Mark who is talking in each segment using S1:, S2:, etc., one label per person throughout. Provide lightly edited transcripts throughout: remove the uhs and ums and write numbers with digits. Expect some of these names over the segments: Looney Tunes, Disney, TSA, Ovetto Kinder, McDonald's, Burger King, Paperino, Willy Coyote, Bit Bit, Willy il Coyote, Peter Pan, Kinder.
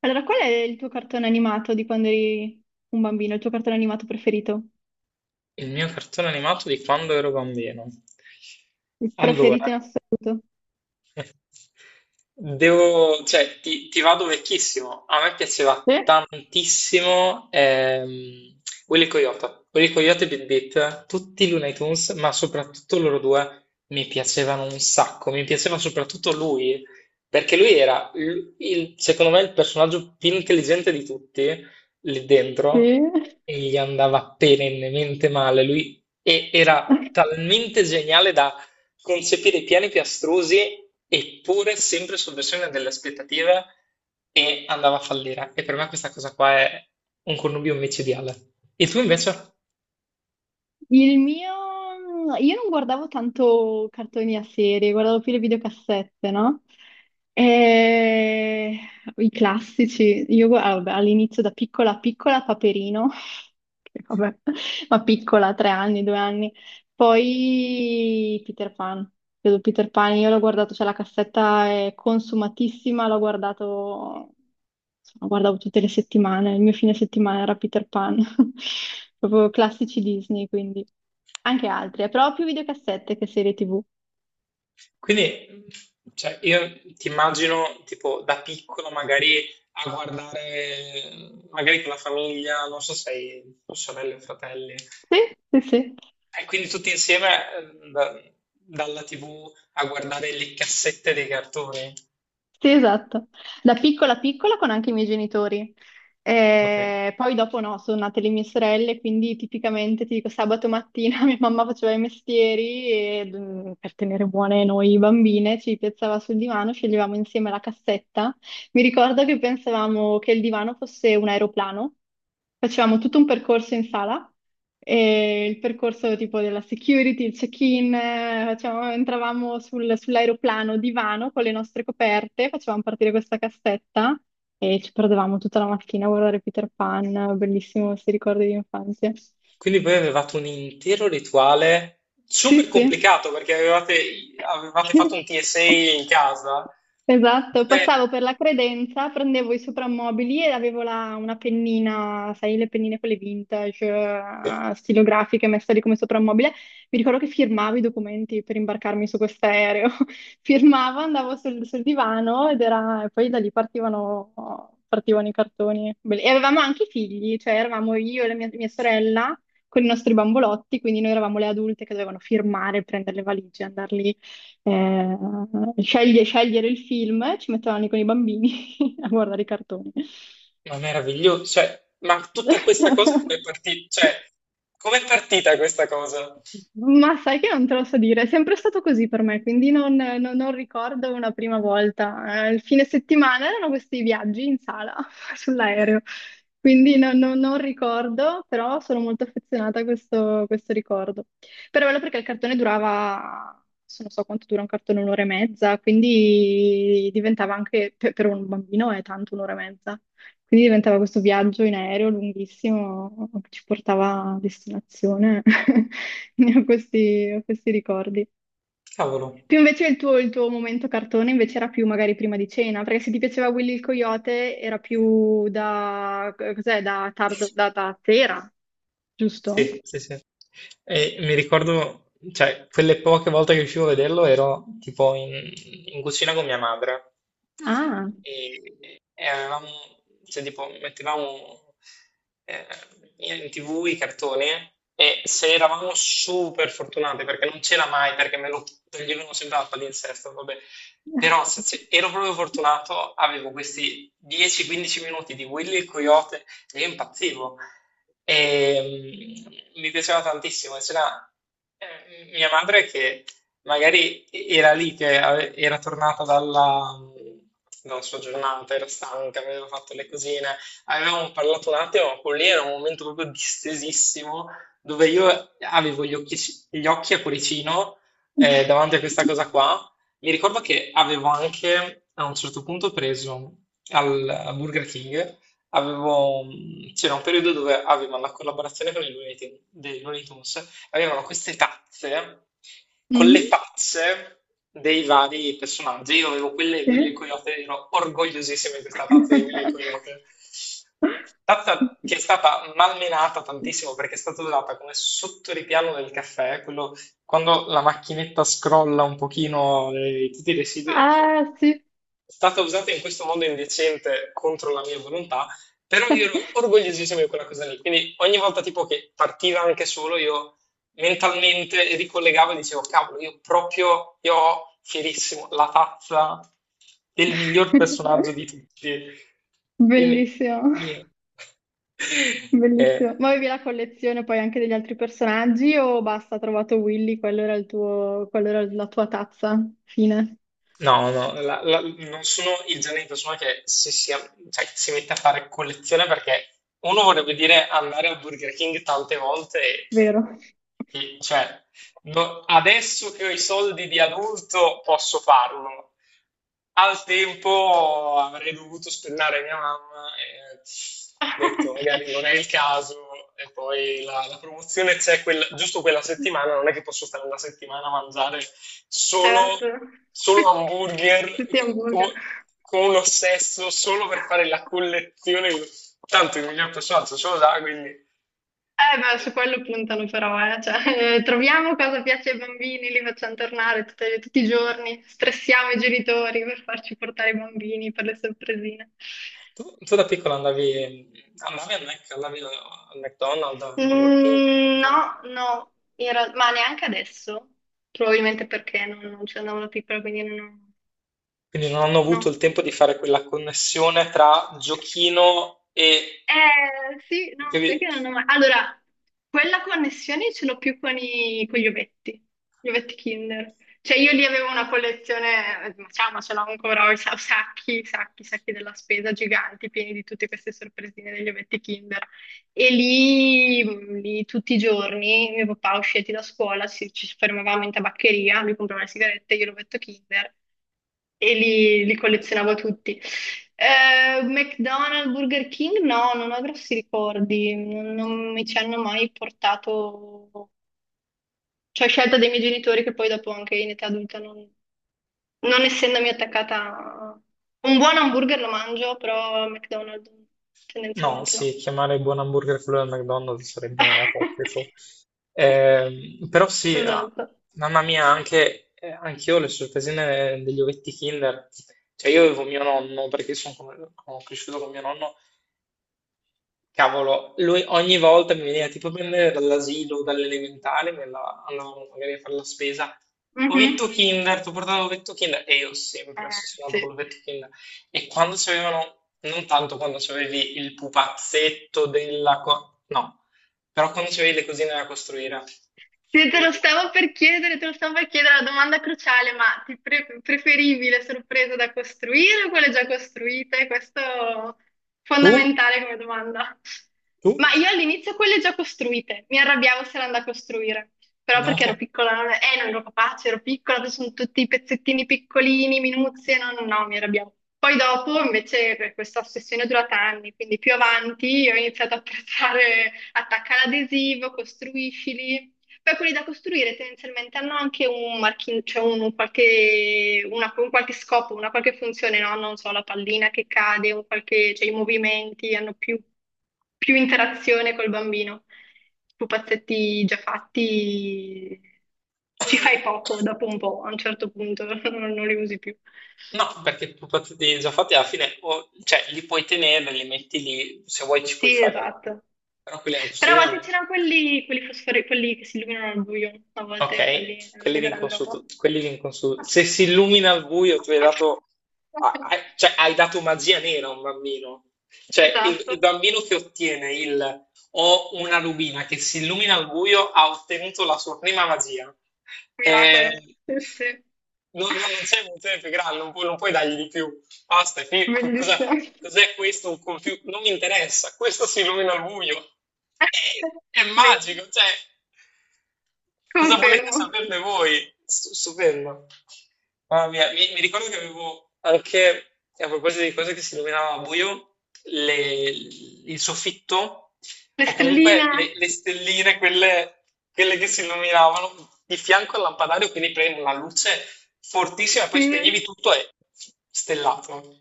S1: Allora, qual è il tuo cartone animato di quando eri un bambino? Il tuo cartone animato preferito?
S2: Il mio cartone animato di quando ero bambino.
S1: Il
S2: Allora,
S1: preferito in assoluto?
S2: devo, cioè, ti vado vecchissimo. A me piaceva
S1: Sì,
S2: tantissimo Willy Coyote. Willy Coyote e Bit Bit, tutti i Looney Tunes, ma soprattutto loro due mi piacevano un sacco. Mi piaceva soprattutto lui, perché lui era, secondo me, il personaggio più intelligente di tutti lì dentro,
S1: sì.
S2: e gli andava perennemente male. Lui era talmente geniale concepire piani piastrosi, eppure sempre sovversione delle aspettative, e andava a fallire. E per me questa cosa qua è un connubio micidiale. E tu invece?
S1: Il mio... Io non guardavo tanto cartoni a serie, guardavo più le videocassette, no? E... I classici. Ah, vabbè, all'inizio da piccola piccola Paperino, che vabbè, ma piccola, 3 anni, 2 anni. Poi Peter Pan. Credo Peter Pan, io l'ho guardato, cioè la cassetta è consumatissima, l'ho guardato insomma, guardavo tutte le settimane, il mio fine settimana era Peter Pan, proprio classici Disney, quindi anche altri, però più videocassette che serie TV.
S2: Quindi, cioè, io ti immagino tipo da piccolo magari a guardare, magari con la famiglia, non so se hai sorelle o fratelli, e
S1: Sì, sì, sì,
S2: quindi tutti insieme, eh, da- dalla TV a guardare le cassette dei cartoni.
S1: sì, esatto. Da piccola piccola con anche i miei genitori.
S2: Ok.
S1: Poi dopo no, sono nate le mie sorelle, quindi tipicamente ti dico sabato mattina mia mamma faceva i mestieri e per tenere buone noi bambine ci piazzava sul divano, sceglievamo insieme la cassetta. Mi ricordo che pensavamo che il divano fosse un aeroplano. Facevamo tutto un percorso in sala, e il percorso tipo della security, il check-in, entravamo sull'aeroplano divano con le nostre coperte, facevamo partire questa cassetta e ci perdevamo tutta la mattina a guardare Peter Pan, bellissimo questi ricordi di infanzia.
S2: Quindi voi avevate un intero rituale
S1: Sì,
S2: super
S1: sì.
S2: complicato perché avevate, avevate fatto un TSA in casa.
S1: Esatto,
S2: Dove...
S1: passavo per la credenza, prendevo i soprammobili e avevo una pennina, sai, le pennine quelle vintage, stilografiche messe lì come soprammobile. Mi ricordo che firmavo i documenti per imbarcarmi su quest'aereo. Firmavo, andavo sul divano ed era, e poi da lì partivano i cartoni. E avevamo anche i figli, cioè eravamo io e la mia sorella con i nostri bambolotti, quindi noi eravamo le adulte che dovevano firmare, prendere le valigie, andarli eh, scegliere il film, ci metteranno lì con i bambini a guardare i cartoni.
S2: Ma meraviglioso, cioè, ma tutta questa cosa come è partita? Cioè, com'è partita questa cosa?
S1: Ma sai che non te lo so dire, è sempre stato così per me, quindi non ricordo una prima volta. Il fine settimana erano questi viaggi in sala sull'aereo, quindi non ricordo, però sono molto affezionata a questo ricordo. Però è bello perché il cartone durava, se non so quanto dura un cartone, un'ora e mezza, quindi diventava anche, per un bambino è tanto un'ora e mezza, quindi diventava questo viaggio in aereo lunghissimo che ci portava a destinazione. Ho questi ricordi.
S2: Cavolo,
S1: Più invece il tuo momento cartone invece era più magari prima di cena, perché se ti piaceva Willy il Coyote era più da, cos'è, da tardo, da sera, giusto?
S2: sì, sì, sì. E mi ricordo, cioè, quelle poche volte che riuscivo a vederlo ero tipo in, cucina con mia madre.
S1: Ah.
S2: E avevamo, cioè, tipo, mettevamo eh, in TV i cartoni, e se eravamo super fortunati, perché non c'era mai, perché me lo toglievano sempre al palinsesto, vabbè. Però se ero proprio fortunato, avevo questi 10-15 minuti di Willy il Coyote e io impazzivo. E mi piaceva tantissimo. E c'era, mia madre che... Magari era lì che era tornata dalla sua giornata, era stanca, aveva fatto le cosine. Avevamo parlato un attimo, ma quello lì era un momento proprio distesissimo, dove io avevo gli occhi a cuoricino, davanti a questa cosa qua. Mi ricordo che avevo anche, a un certo punto, preso al Burger King, avevo- c'era un periodo dove avevo la collaborazione con i Looney Tunes, avevano queste tazze con le
S1: Mm,
S2: facce dei vari personaggi. Io avevo quelle di Willy il
S1: sì.
S2: Coyote, ero orgogliosissimo di questa tazza di Willy il Coyote. Tazza che è stata malmenata tantissimo perché è stata usata come sottoripiano del caffè, quello quando la macchinetta scrolla un pochino, tutti i residui, ecco,
S1: Ah, sì.
S2: è stata usata in questo modo indecente contro la mia volontà, però io ero orgogliosissimo di quella cosa lì. Quindi ogni volta tipo che partiva anche solo, io mentalmente ricollegavo e dicevo, cavolo, io proprio, io ho fierissimo la tazza del miglior personaggio di tutti. Quindi,
S1: Bellissimo,
S2: mio. Eh,
S1: bellissimo. Ma avevi la collezione poi anche degli altri personaggi o basta, ha trovato Willy, quello era il tuo, quello era la tua tazza, fine,
S2: no, no, non sono il genere di persona che cioè, che si mette a fare collezione, perché uno vorrebbe dire andare al Burger King tante volte
S1: vero?
S2: cioè, adesso che ho i soldi di adulto posso farlo. Al tempo avrei dovuto spennare mia mamma e ho detto magari non è il caso, e poi la, promozione c'è giusto quella settimana, non è che posso stare una settimana a mangiare solo,
S1: Certo,
S2: solo hamburger
S1: tutti hamburger.
S2: co- con un ossesso solo per fare la collezione, tanto il miglior personaggio ce lo dà, quindi...
S1: Ma su quello puntano però, eh. Cioè, troviamo cosa piace ai bambini, li facciamo tornare tutti i giorni, stressiamo i genitori per farci portare i bambini per le sorpresine.
S2: Tu da piccola andavi al Mac, andavi al McDonald's, al Burger King?
S1: Mm,
S2: Qualcosa?
S1: no, no, ma neanche adesso, probabilmente perché non ci andavo da piccola, quindi
S2: Quindi non hanno avuto il
S1: no.
S2: tempo di fare quella connessione tra giochino e...
S1: Sì, no, sai
S2: che-
S1: che non ho mai... Allora, quella connessione ce l'ho più con gli ovetti Kinder. Cioè io lì avevo una collezione, ma ciao, ma ce l'ho ancora, ho i sacchi, sacchi, sacchi della spesa giganti, pieni di tutte queste sorpresine degli ovetti Kinder. E lì, lì tutti i giorni, mio papà usciti da scuola, ci fermavamo in tabaccheria, lui comprava le sigarette, io l'ovetto Kinder e li collezionavo tutti. McDonald's, Burger King, no, non ho grossi ricordi, non mi ci hanno mai portato, cioè scelta dei miei genitori che poi dopo anche in età adulta non essendomi attaccata a... Un buon hamburger lo mangio, però McDonald's
S2: No,
S1: tendenzialmente no.
S2: sì, chiamare buon hamburger quello del McDonald's sarebbe apocrifo. Però sì, ah,
S1: Esatto.
S2: mamma mia, anche anch'io ho le sorpresine degli ovetti Kinder. Cioè io avevo mio nonno, perché sono, sono cresciuto con mio nonno. Cavolo, lui ogni volta mi veniva tipo a prendere dall'asilo, dall'elementare, andavamo magari a fare la spesa. Ovetto
S1: Mhm.
S2: Kinder, ti portavo Ovetto Kinder e io
S1: Eh,
S2: sempre ossessionato con
S1: sì.
S2: l'Ovetto Kinder. E quando c'avevano, non tanto quando c'avevi il pupazzetto della... no, però quando c'avevi le cosine da costruire.
S1: Sì,
S2: le-
S1: te lo stavo per chiedere la domanda cruciale, ma preferivi le sorprese da costruire o quelle già costruite? Questo è
S2: Tu?
S1: fondamentale come domanda. Ma
S2: Tu?
S1: io all'inizio quelle già costruite, mi arrabbiavo se erano da costruire, però
S2: No.
S1: perché ero piccola, non ero capace, ero piccola, sono tutti i pezzettini piccolini, minuzie, no, no, no, mi arrabbiavo. Poi dopo invece questa ossessione è durata anni, quindi più avanti ho iniziato a apprezzare attacca l'adesivo, costruiscili. Beh, quelli da costruire tendenzialmente hanno anche cioè un qualche scopo, una qualche funzione, no? Non so, la pallina che cade, cioè, i movimenti hanno più interazione col bambino. Pupazzetti già fatti ci fai poco dopo un po', a un certo punto non li usi più.
S2: No, perché propositi già fatti alla fine, cioè li puoi tenere, li metti lì, se vuoi ci puoi
S1: Sì,
S2: fare la...
S1: esatto.
S2: però quelli alla
S1: Però a
S2: cucina no.
S1: volte c'erano quelli che si illuminano al buio, a volte quelli
S2: Ok, quelli
S1: erano
S2: di
S1: grande roba.
S2: inconsulto, quelli di inconsulto. Se si illumina al buio, tu hai dato, cioè, hai dato magia nera a un bambino. Cioè, il
S1: Esatto,
S2: bambino che ottiene il o una rubina che si illumina al buio ha ottenuto la sua prima magia.
S1: miracolo.
S2: Eh,
S1: Sì, sì,
S2: non sei evoluzione più grande, non puoi, non puoi dargli di più. Basta, è
S1: bellissimo.
S2: cos'è questo? Un computer? Non mi interessa, questo si illumina al buio. È, è
S1: Vero,
S2: magico, cioè. Cosa volete
S1: confermo.
S2: saperne voi? Stupendo. Mamma mia, mi ricordo che avevo anche, a proposito di cose che si illuminava a buio, le- il soffitto,
S1: Le
S2: o comunque
S1: stelline,
S2: le stelline, quelle, quelle che si illuminavano di fianco al lampadario, quindi prendevi una luce fortissima e poi
S1: sì,
S2: spegnevi tutto e stellato.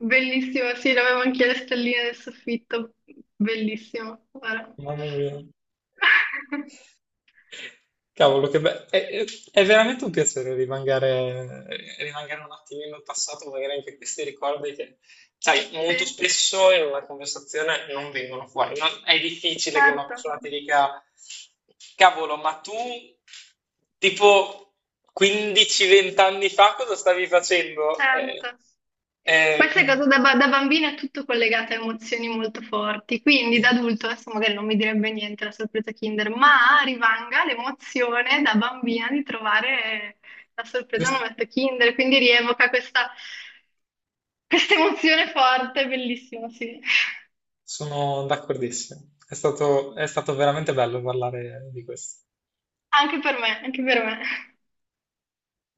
S1: bellissimo, sì, avevo anche le stelline del soffitto, bellissimo. Guarda.
S2: Mamma mia. Cavolo, che bello. È veramente un piacere rimangare, rimangere un attimino al passato, magari anche questi ricordi che, sai,
S1: Sì,
S2: molto spesso in una conversazione non vengono fuori. È difficile che una
S1: certo,
S2: persona ti dica, cavolo, ma tu, tipo 15-20 anni fa, cosa stavi facendo?
S1: certo. Questa
S2: Quindi,
S1: cosa da bambina è tutto collegato a emozioni molto forti, quindi
S2: sì,
S1: da adulto adesso magari non mi direbbe niente la sorpresa Kinder, ma rimanga l'emozione da bambina di trovare la sorpresa un
S2: giusto.
S1: ometto Kinder, quindi rievoca questa emozione forte, bellissimo, sì.
S2: Sono d'accordissimo. È stato veramente bello parlare di questo.
S1: Anche per me, anche per me.